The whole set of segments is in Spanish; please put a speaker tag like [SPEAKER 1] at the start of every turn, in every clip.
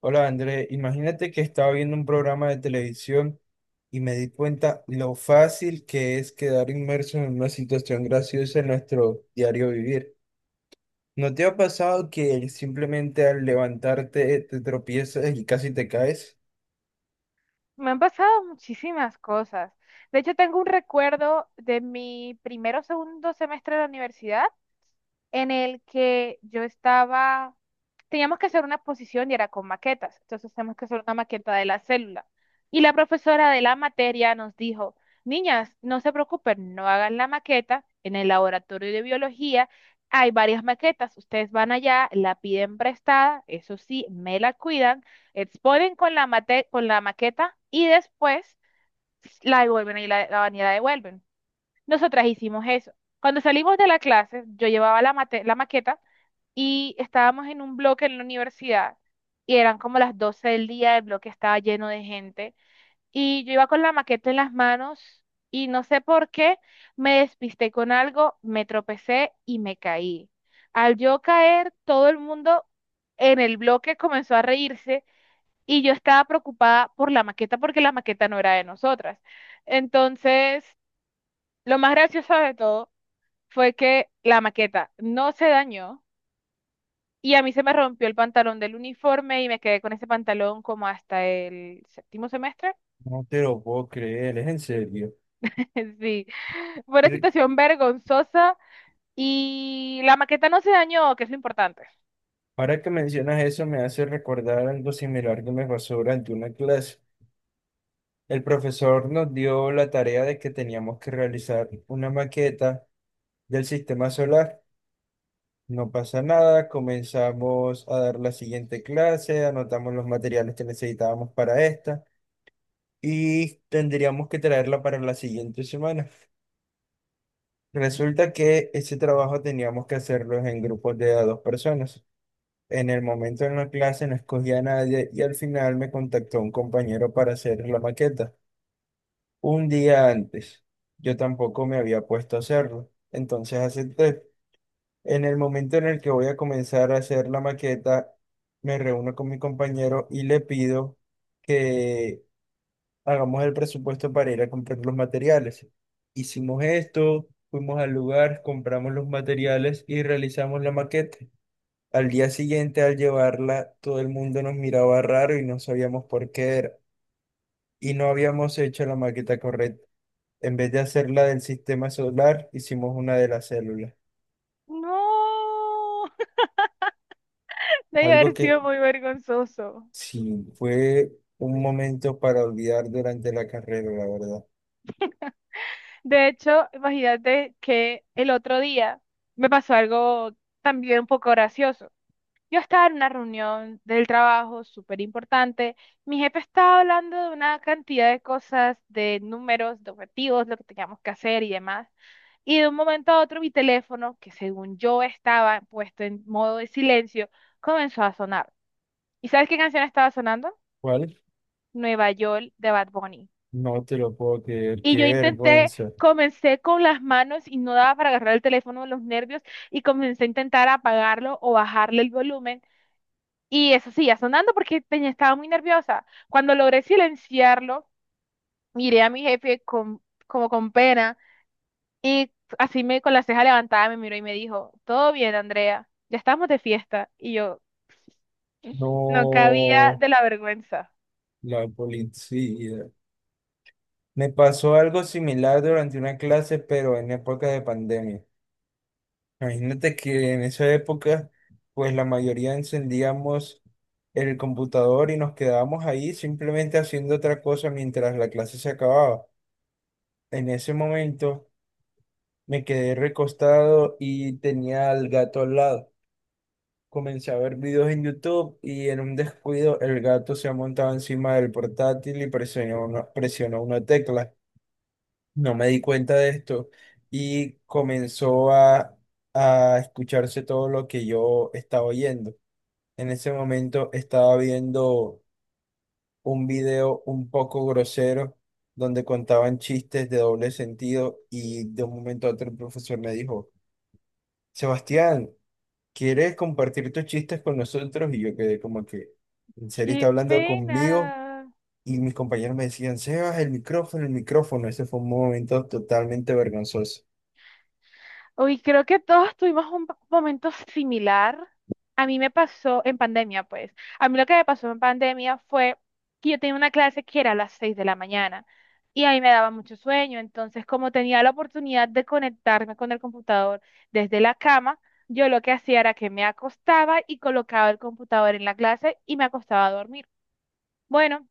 [SPEAKER 1] Hola André, imagínate que estaba viendo un programa de televisión y me di cuenta lo fácil que es quedar inmerso en una situación graciosa en nuestro diario vivir. ¿No te ha pasado que simplemente al levantarte te tropiezas y casi te caes?
[SPEAKER 2] Me han pasado muchísimas cosas. De hecho, tengo un recuerdo de mi primero o segundo semestre de la universidad en el que teníamos que hacer una exposición y era con maquetas, entonces teníamos que hacer una maqueta de la célula. Y la profesora de la materia nos dijo, niñas, no se preocupen, no hagan la maqueta en el laboratorio de biología. Hay varias maquetas, ustedes van allá, la piden prestada, eso sí, me la cuidan, exponen con la maqueta y después la devuelven y la devuelven. Nosotras hicimos eso. Cuando salimos de la clase, yo llevaba la maqueta y estábamos en un bloque en la universidad y eran como las 12 del día, el bloque estaba lleno de gente y yo iba con la maqueta en las manos y no sé por qué me despisté con algo, me tropecé y me caí. Al yo caer, todo el mundo en el bloque comenzó a reírse y yo estaba preocupada por la maqueta porque la maqueta no era de nosotras. Entonces, lo más gracioso de todo fue que la maqueta no se dañó y a mí se me rompió el pantalón del uniforme y me quedé con ese pantalón como hasta el séptimo semestre.
[SPEAKER 1] No te lo puedo creer, es en serio.
[SPEAKER 2] Sí, fue una
[SPEAKER 1] Re-
[SPEAKER 2] situación vergonzosa y la maqueta no se dañó, que es lo importante.
[SPEAKER 1] Ahora que mencionas eso me hace recordar algo similar que me pasó durante una clase. El profesor nos dio la tarea de que teníamos que realizar una maqueta del sistema solar. No pasa nada, comenzamos a dar la siguiente clase, anotamos los materiales que necesitábamos para esta y tendríamos que traerla para la siguiente semana. Resulta que ese trabajo teníamos que hacerlo en grupos de a dos personas. En el momento en la clase no escogía a nadie y al final me contactó un compañero para hacer la maqueta. Un día antes, yo tampoco me había puesto a hacerlo, entonces acepté. En el momento en el que voy a comenzar a hacer la maqueta, me reúno con mi compañero y le pido que hagamos el presupuesto para ir a comprar los materiales. Hicimos esto, fuimos al lugar, compramos los materiales y realizamos la maqueta. Al día siguiente, al llevarla, todo el mundo nos miraba raro y no sabíamos por qué era. Y no habíamos hecho la maqueta correcta. En vez de hacerla del sistema solar, hicimos una de las células.
[SPEAKER 2] No, debe
[SPEAKER 1] Algo
[SPEAKER 2] haber
[SPEAKER 1] que
[SPEAKER 2] sido muy vergonzoso.
[SPEAKER 1] Sí, fue un momento para olvidar durante la carrera, la verdad.
[SPEAKER 2] De hecho, imagínate que el otro día me pasó algo también un poco gracioso. Yo estaba en una reunión del trabajo súper importante. Mi jefe estaba hablando de una cantidad de cosas, de números, de objetivos, lo que teníamos que hacer y demás. Y de un momento a otro mi teléfono, que según yo estaba puesto en modo de silencio, comenzó a sonar. ¿Y sabes qué canción estaba sonando?
[SPEAKER 1] ¿Cuál?
[SPEAKER 2] Nueva York de Bad Bunny.
[SPEAKER 1] No te lo puedo creer,
[SPEAKER 2] Y
[SPEAKER 1] qué
[SPEAKER 2] yo intenté,
[SPEAKER 1] vergüenza.
[SPEAKER 2] comencé con las manos y no daba para agarrar el teléfono de los nervios y comencé a intentar apagarlo o bajarle el volumen. Y eso seguía sonando porque tenía, estaba muy nerviosa. Cuando logré silenciarlo, miré a mi jefe como con pena y así me con la ceja levantada me miró y me dijo, todo bien, Andrea, ya estamos de fiesta. Y yo no cabía
[SPEAKER 1] No,
[SPEAKER 2] de la vergüenza.
[SPEAKER 1] la policía. Me pasó algo similar durante una clase, pero en época de pandemia. Imagínate que en esa época, pues la mayoría encendíamos el computador y nos quedábamos ahí simplemente haciendo otra cosa mientras la clase se acababa. En ese momento. Me quedé recostado y tenía al gato al lado. Comencé a ver videos en YouTube y en un descuido el gato se ha montado encima del portátil y presionó una tecla. No me di cuenta de esto y comenzó a escucharse todo lo que yo estaba oyendo. En ese momento estaba viendo un video un poco grosero donde contaban chistes de doble sentido y de un momento a otro el profesor me dijo, Sebastián, ¿quieres compartir tus chistes con nosotros? Y yo quedé como que, en serio, está
[SPEAKER 2] ¡Qué
[SPEAKER 1] hablando conmigo.
[SPEAKER 2] pena!
[SPEAKER 1] Y mis compañeros me decían, Sebas, el micrófono, el micrófono. Ese fue un momento totalmente vergonzoso.
[SPEAKER 2] Uy, creo que todos tuvimos un momento similar. A mí me pasó en pandemia, pues. A mí lo que me pasó en pandemia fue que yo tenía una clase que era a las 6 de la mañana y a mí me daba mucho sueño. Entonces, como tenía la oportunidad de conectarme con el computador desde la cama, yo lo que hacía era que me acostaba y colocaba el computador en la clase y me acostaba a dormir. Bueno,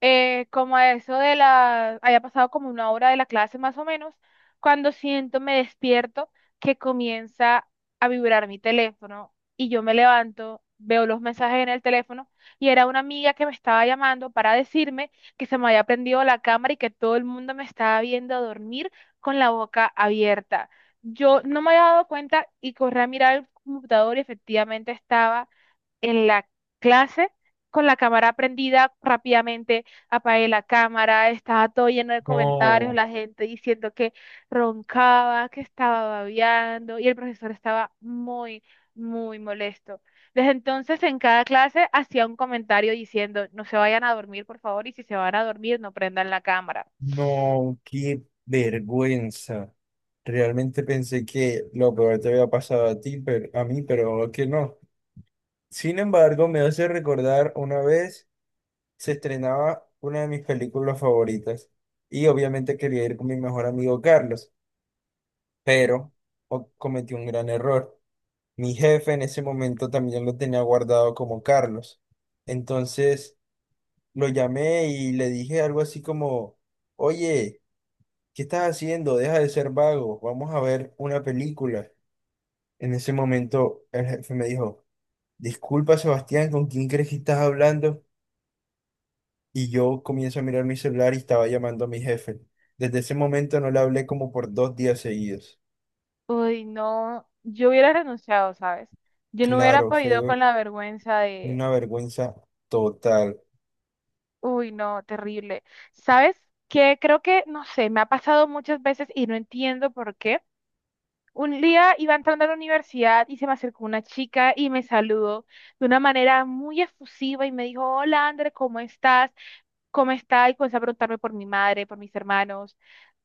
[SPEAKER 2] como a eso de haya pasado como una hora de la clase más o menos, cuando siento, me despierto, que comienza a vibrar mi teléfono y yo me levanto, veo los mensajes en el teléfono y era una amiga que me estaba llamando para decirme que se me había prendido la cámara y que todo el mundo me estaba viendo dormir con la boca abierta. Yo no me había dado cuenta y corrí a mirar el computador y efectivamente estaba en la clase con la cámara prendida, rápidamente apagué la cámara, estaba todo lleno de comentarios,
[SPEAKER 1] No,
[SPEAKER 2] la gente diciendo que roncaba, que estaba babeando y el profesor estaba muy, muy molesto. Desde entonces en cada clase hacía un comentario diciendo, no se vayan a dormir, por favor, y si se van a dormir, no prendan la cámara.
[SPEAKER 1] no, qué vergüenza. Realmente pensé que lo peor te había pasado a ti, pero a mí, pero que no. Sin embargo, me hace recordar una vez se estrenaba una de mis películas favoritas y obviamente quería ir con mi mejor amigo Carlos, pero cometí un gran error. Mi jefe en ese momento también lo tenía guardado como Carlos. Entonces lo llamé y le dije algo así como, oye, ¿qué estás haciendo? Deja de ser vago, vamos a ver una película. En ese momento el jefe me dijo, disculpa Sebastián, ¿con quién crees que estás hablando? Y yo comienzo a mirar mi celular y estaba llamando a mi jefe. Desde ese momento no le hablé como por 2 días seguidos.
[SPEAKER 2] Uy, no, yo hubiera renunciado, ¿sabes? Yo no hubiera
[SPEAKER 1] Claro,
[SPEAKER 2] podido
[SPEAKER 1] fue
[SPEAKER 2] con la vergüenza de,
[SPEAKER 1] una vergüenza total.
[SPEAKER 2] uy, no, terrible. ¿Sabes qué? Creo que, no sé, me ha pasado muchas veces y no entiendo por qué. Un día iba entrando a la universidad y se me acercó una chica y me saludó de una manera muy efusiva y me dijo, hola, André, ¿cómo estás? ¿Cómo estás? Y comenzó a preguntarme por mi madre, por mis hermanos,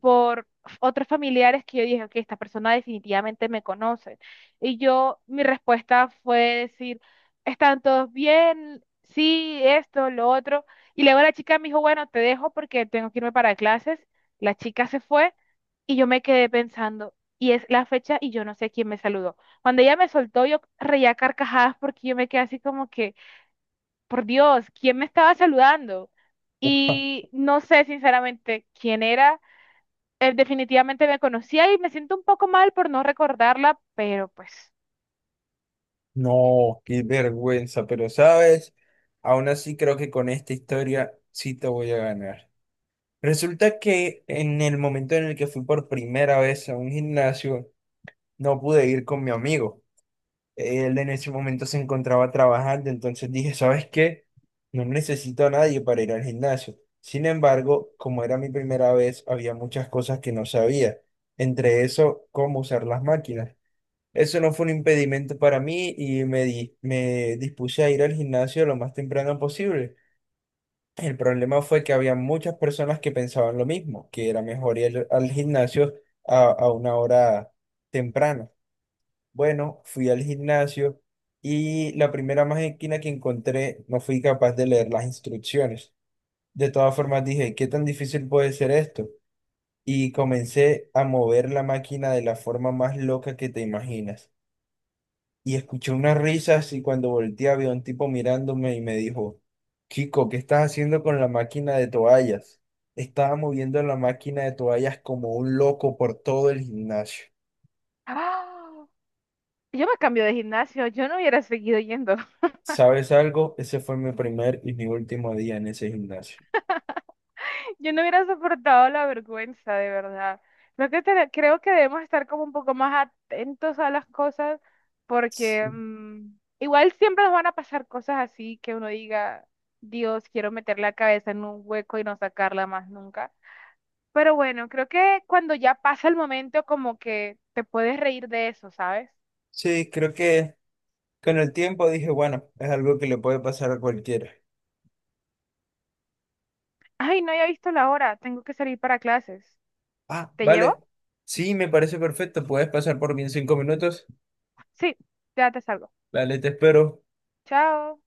[SPEAKER 2] por otros familiares que yo dije, ok, esta persona definitivamente me conoce. Y yo, mi respuesta fue decir, ¿están todos bien? Sí, esto, lo otro. Y luego la chica me dijo, bueno, te dejo porque tengo que irme para clases. La chica se fue y yo me quedé pensando, y es la fecha y yo no sé quién me saludó. Cuando ella me soltó, yo reía carcajadas porque yo me quedé así como que, por Dios, ¿quién me estaba saludando?
[SPEAKER 1] Ujú.
[SPEAKER 2] Y no sé sinceramente quién era, definitivamente me conocía y me siento un poco mal por no recordarla, pero pues...
[SPEAKER 1] No, qué vergüenza, pero sabes, aún así creo que con esta historia sí te voy a ganar. Resulta que en el momento en el que fui por primera vez a un gimnasio, no pude ir con mi amigo. Él en ese momento se encontraba trabajando, entonces dije, ¿sabes qué? No necesito a nadie para ir al gimnasio. Sin embargo, como era mi primera vez, había muchas cosas que no sabía. Entre eso, cómo usar las máquinas. Eso no fue un impedimento para mí y me dispuse a ir al gimnasio lo más temprano posible. El problema fue que había muchas personas que pensaban lo mismo, que era mejor ir al gimnasio a una hora temprana. Bueno, fui al gimnasio y la primera máquina que encontré no fui capaz de leer las instrucciones. De todas formas dije, ¿qué tan difícil puede ser esto? Y comencé a mover la máquina de la forma más loca que te imaginas, y escuché unas risas y cuando volteé había un tipo mirándome y me dijo, chico, ¿qué estás haciendo con la máquina de toallas? Estaba moviendo la máquina de toallas como un loco por todo el gimnasio.
[SPEAKER 2] ¡Ah! Yo me cambio de gimnasio, yo no hubiera seguido yendo.
[SPEAKER 1] ¿Sabes algo? Ese fue mi primer y mi último día en ese gimnasio.
[SPEAKER 2] Yo no hubiera soportado la vergüenza, de verdad. Creo que, creo que debemos estar como un poco más atentos a las cosas porque
[SPEAKER 1] Sí,
[SPEAKER 2] igual siempre nos van a pasar cosas así que uno diga, Dios, quiero meter la cabeza en un hueco y no sacarla más nunca. Pero bueno, creo que cuando ya pasa el momento como que te puedes reír de eso, ¿sabes?
[SPEAKER 1] sí, creo que con el tiempo dije, bueno, es algo que le puede pasar a cualquiera.
[SPEAKER 2] Ay, no había visto la hora. Tengo que salir para clases.
[SPEAKER 1] Ah,
[SPEAKER 2] ¿Te llevo?
[SPEAKER 1] vale. Sí, me parece perfecto. ¿Puedes pasar por mí en 5 minutos?
[SPEAKER 2] Sí, ya te salgo.
[SPEAKER 1] Vale, te espero.
[SPEAKER 2] Chao.